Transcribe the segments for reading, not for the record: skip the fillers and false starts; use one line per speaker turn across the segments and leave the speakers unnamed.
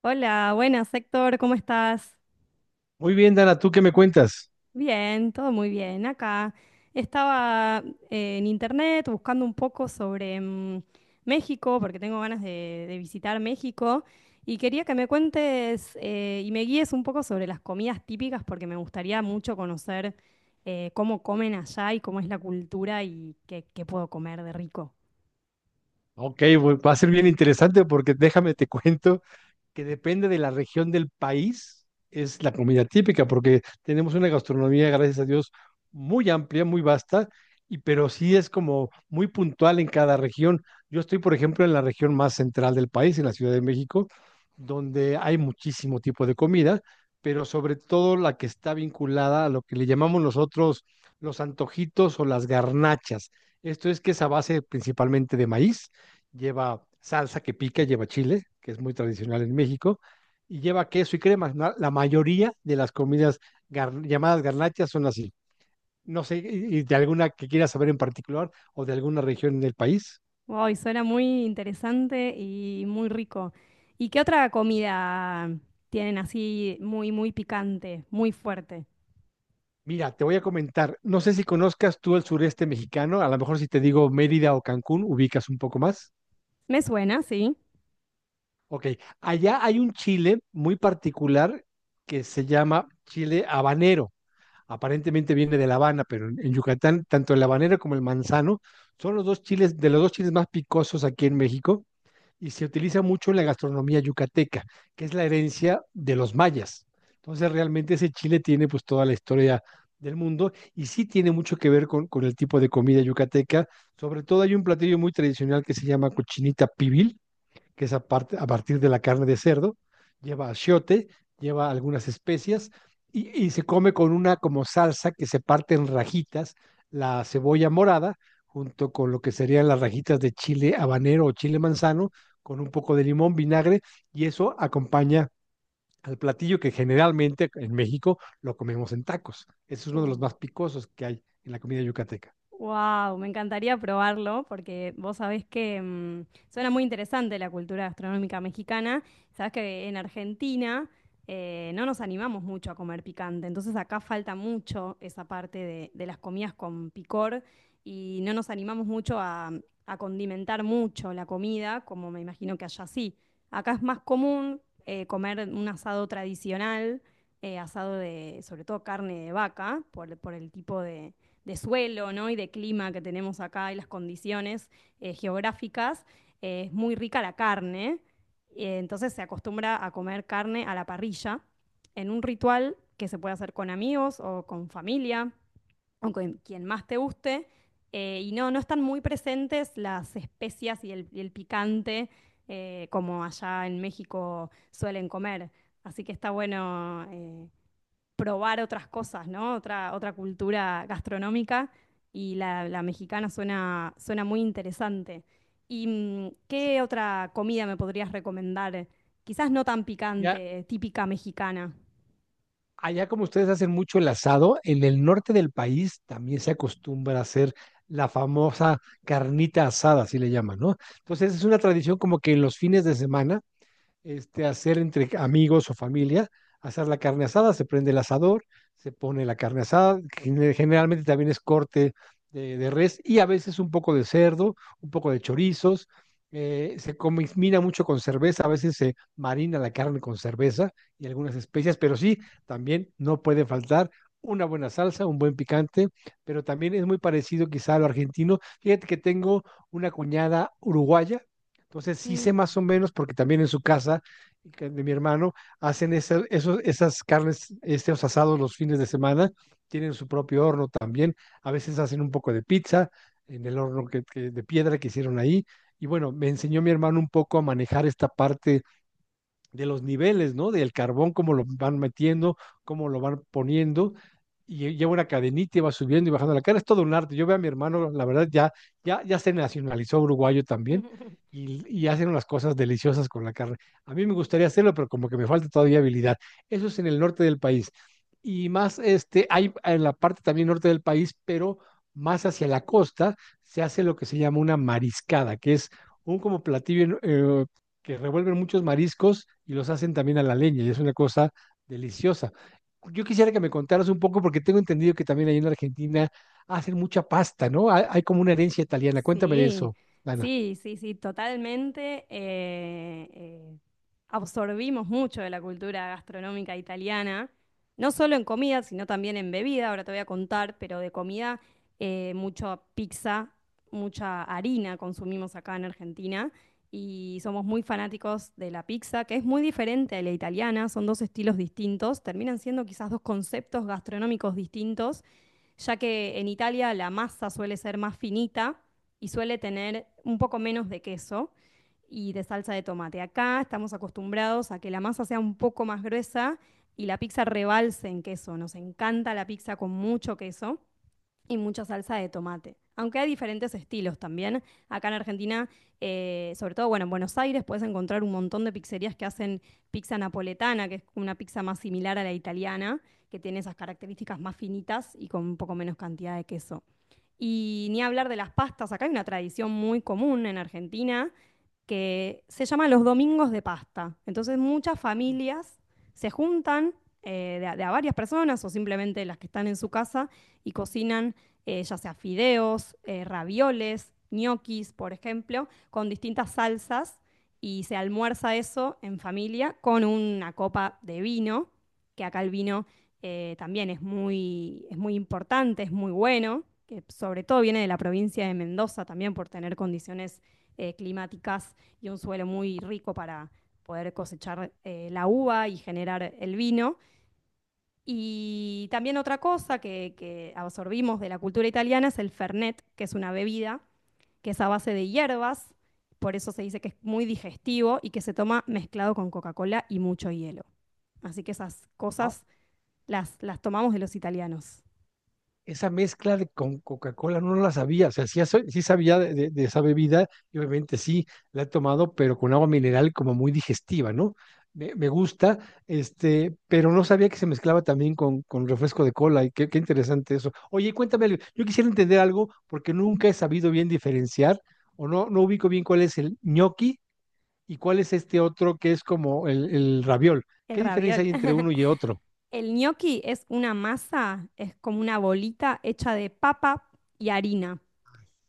Hola, buenas, Héctor, ¿cómo estás?
Muy bien, Dana, ¿tú qué me cuentas?
Bien, todo muy bien. Acá estaba en internet buscando un poco sobre México, porque tengo ganas de visitar México, y quería que me cuentes y me guíes un poco sobre las comidas típicas, porque me gustaría mucho conocer cómo comen allá y cómo es la cultura y qué puedo comer de rico.
Ok, va a ser bien interesante porque déjame te cuento que depende de la región del país, es la comida típica, porque tenemos una gastronomía, gracias a Dios, muy amplia, muy vasta, y pero sí es como muy puntual en cada región. Yo estoy, por ejemplo, en la región más central del país, en la Ciudad de México, donde hay muchísimo tipo de comida, pero sobre todo la que está vinculada a lo que le llamamos nosotros los antojitos o las garnachas. Esto es que es a base principalmente de maíz, lleva salsa que pica, lleva chile, que es muy tradicional en México, y lleva queso y crema. La mayoría de las comidas llamadas garnachas son así. No sé, y de alguna que quieras saber en particular o de alguna región del país.
Wow, y suena muy interesante y muy rico. ¿Y qué otra comida tienen así muy picante, muy fuerte?
Mira, te voy a comentar, no sé si conozcas tú el sureste mexicano, a lo mejor si te digo Mérida o Cancún, ubicas un poco más.
Me suena, sí.
Ok, allá hay un chile muy particular que se llama chile habanero. Aparentemente viene de La Habana, pero en Yucatán, tanto el habanero como el manzano son los dos chiles, de los dos chiles más picosos aquí en México, y se utiliza mucho en la gastronomía yucateca, que es la herencia de los mayas. Entonces, realmente ese chile tiene pues toda la historia del mundo y sí tiene mucho que ver con el tipo de comida yucateca. Sobre todo hay un platillo muy tradicional que se llama cochinita pibil, que es a partir de la carne de cerdo, lleva achiote, lleva algunas especias y se come con una como salsa que se parte en rajitas, la cebolla morada, junto con lo que serían las rajitas de chile habanero o chile manzano, con un poco de limón, vinagre, y eso acompaña al platillo que generalmente en México lo comemos en tacos. Ese es uno de los más picosos que hay en la comida yucateca.
Wow, me encantaría probarlo porque vos sabés que suena muy interesante la cultura gastronómica mexicana. Sabés que en Argentina no nos animamos mucho a comer picante, entonces acá falta mucho esa parte de las comidas con picor y no nos animamos mucho a condimentar mucho la comida, como me imagino que allá sí. Acá es más común comer un asado tradicional, asado de sobre todo carne de vaca, por el tipo de suelo, ¿no? Y de clima que tenemos acá y las condiciones geográficas, es muy rica la carne. Entonces se acostumbra a comer carne a la parrilla en un ritual que se puede hacer con amigos o con familia o con quien más te guste. Y no, no están muy presentes las especias y y el picante como allá en México suelen comer. Así que está bueno probar otras cosas, ¿no? Otra cultura gastronómica y la mexicana suena, suena muy interesante. ¿Y qué otra comida me podrías recomendar? Quizás no tan
Ya,
picante, típica mexicana.
allá como ustedes hacen mucho el asado, en el norte del país también se acostumbra a hacer la famosa carnita asada, así le llaman, ¿no? Entonces es una tradición como que en los fines de semana, este, hacer entre amigos o familia, hacer la carne asada, se prende el asador, se pone la carne asada, que generalmente también es corte de res y a veces un poco de cerdo, un poco de chorizos. Se combina mucho con cerveza, a veces se marina la carne con cerveza y algunas especias, pero sí, también no puede faltar una buena salsa, un buen picante, pero también es muy parecido quizá a lo argentino. Fíjate que tengo una cuñada uruguaya, entonces sí sé
Mm.
más o menos porque también en su casa, que de mi hermano, hacen esas carnes, estos asados los fines de semana, tienen su propio horno también, a veces hacen un poco de pizza en el horno de piedra que hicieron ahí. Y bueno, me enseñó mi hermano un poco a manejar esta parte de los niveles, ¿no? Del carbón, cómo lo van metiendo, cómo lo van poniendo, y lleva una cadenita y va subiendo y bajando la cara. Es todo un arte. Yo veo a mi hermano, la verdad, ya, ya, ya se nacionalizó uruguayo también, y hacen unas cosas deliciosas con la carne. A mí me gustaría hacerlo, pero como que me falta todavía habilidad. Eso es en el norte del país. Y más, este, hay en la parte también norte del país, pero más hacia la costa, se hace lo que se llama una mariscada, que es un como platillo que revuelven muchos mariscos y los hacen también a la leña, y es una cosa deliciosa. Yo quisiera que me contaras un poco, porque tengo entendido que también ahí en Argentina hacen mucha pasta, ¿no? Hay como una herencia italiana. Cuéntame de
Sí,
eso, Ana.
sí, sí, sí, totalmente. Absorbimos mucho de la cultura gastronómica italiana, no solo en comida, sino también en bebida, ahora te voy a contar, pero de comida, mucha pizza, mucha harina consumimos acá en Argentina y somos muy fanáticos de la pizza, que es muy diferente a la italiana, son dos estilos distintos, terminan siendo quizás dos conceptos gastronómicos distintos ya que en Italia la masa suele ser más finita y suele tener un poco menos de queso y de salsa de tomate. Acá estamos acostumbrados a que la masa sea un poco más gruesa y la pizza rebalse en queso. Nos encanta la pizza con mucho queso y mucha salsa de tomate. Aunque hay diferentes estilos también. Acá en Argentina, sobre todo, bueno, en Buenos Aires puedes encontrar un montón de pizzerías que hacen pizza napoletana, que es una pizza más similar a la italiana, que tiene esas características más finitas y con un poco menos cantidad de queso. Y ni hablar de las pastas, acá hay una tradición muy común en Argentina que se llama los domingos de pasta. Entonces muchas familias se juntan de a varias personas o simplemente las que están en su casa y cocinan ya sea fideos, ravioles, ñoquis, por ejemplo, con distintas salsas y se almuerza eso en familia con una copa de vino, que acá el vino también es es muy importante, es muy bueno, que sobre todo viene de la provincia de Mendoza también por tener condiciones climáticas y un suelo muy rico para poder cosechar la uva y generar el vino. Y también otra cosa que absorbimos de la cultura italiana es el Fernet, que es una bebida que es a base de hierbas, por eso se dice que es muy digestivo y que se toma mezclado con Coca-Cola y mucho hielo. Así que esas cosas las tomamos de los italianos.
Esa mezcla de con Coca-Cola no la sabía, o sea, sí, sí sabía de, de esa bebida, y obviamente sí la he tomado, pero con agua mineral, como muy digestiva, ¿no? Me gusta, este, pero no sabía que se mezclaba también con refresco de cola. Y qué interesante eso. Oye, cuéntame algo, yo quisiera entender algo porque nunca he sabido bien diferenciar, o no, no ubico bien cuál es el ñoqui y cuál es este otro que es como el raviol.
El
¿Qué diferencia
raviol.
hay entre uno y otro?
El gnocchi es una masa, es como una bolita hecha de papa y harina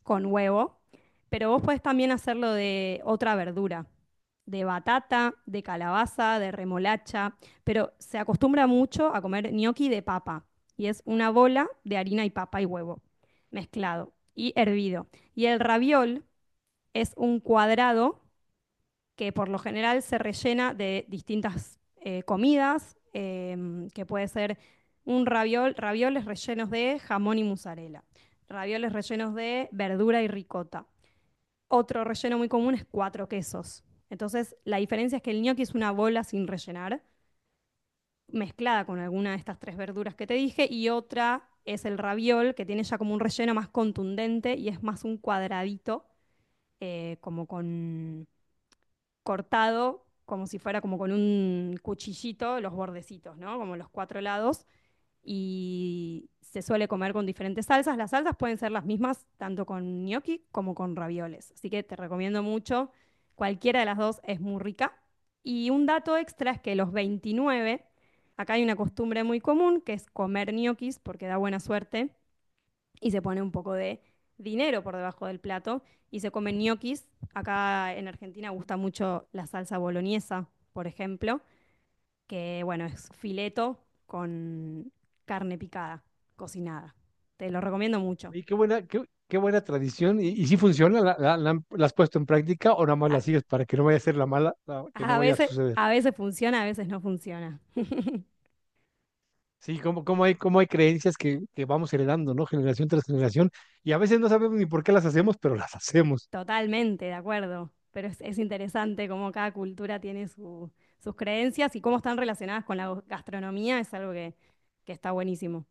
con huevo, pero vos podés también hacerlo de otra verdura, de batata, de calabaza, de remolacha, pero se acostumbra mucho a comer gnocchi de papa y es una bola de harina y papa y huevo mezclado y hervido. Y el raviol es un cuadrado que por lo general se rellena de distintas comidas, que puede ser un ravioles rellenos de jamón y mozzarella, ravioles rellenos de verdura y ricota. Otro relleno muy común es cuatro quesos. Entonces, la diferencia es que el gnocchi es una bola sin rellenar, mezclada con alguna de estas tres verduras que te dije, y otra es el raviol, que tiene ya como un relleno más contundente y es más un cuadradito, como con cortado como si fuera como con un cuchillito los bordecitos, ¿no? Como los cuatro lados. Y se suele comer con diferentes salsas. Las salsas pueden ser las mismas tanto con gnocchi como con ravioles. Así que te recomiendo mucho. Cualquiera de las dos es muy rica. Y un dato extra es que los 29, acá hay una costumbre muy común que es comer ñoquis porque da buena suerte y se pone un poco de dinero por debajo del plato y se comen ñoquis. Acá en Argentina gusta mucho la salsa boloñesa, por ejemplo, que bueno, es fileto con carne picada, cocinada. Te lo recomiendo mucho.
Oye, qué buena, qué buena tradición. Y si funciona? ¿La has puesto en práctica o nada más
A,
la sigues para que no vaya a ser la mala, que no
a
vaya a
veces,
suceder?
a veces funciona, a veces no funciona.
Sí, como hay creencias que vamos heredando, ¿no? Generación tras generación. Y a veces no sabemos ni por qué las hacemos, pero las hacemos.
Totalmente, de acuerdo. Pero es interesante cómo cada cultura tiene sus creencias y cómo están relacionadas con la gastronomía. Es algo que está buenísimo.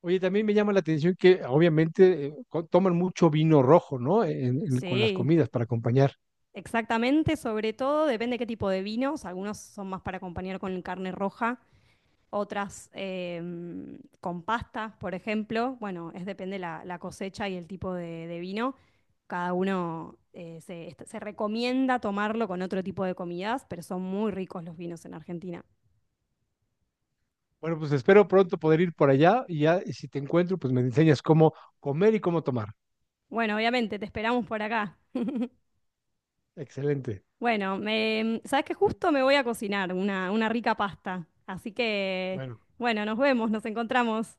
Oye, también me llama la atención que obviamente toman mucho vino rojo, ¿no? Con las
Sí.
comidas para acompañar.
Exactamente, sobre todo depende qué tipo de vinos. Algunos son más para acompañar con carne roja, otras con pastas, por ejemplo. Bueno, es depende la cosecha y el tipo de vino. Cada uno se recomienda tomarlo con otro tipo de comidas, pero son muy ricos los vinos en Argentina.
Bueno, pues espero pronto poder ir por allá, y ya, y si te encuentro, pues me enseñas cómo comer y cómo tomar.
Bueno, obviamente, te esperamos por acá.
Excelente.
Bueno, sabes que justo me voy a cocinar una rica pasta. Así que,
Bueno,
bueno, nos vemos, nos encontramos.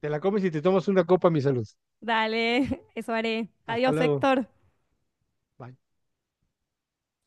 te la comes y te tomas una copa, mi salud.
Dale, eso haré.
Hasta
Adiós,
luego.
Héctor.
Bye.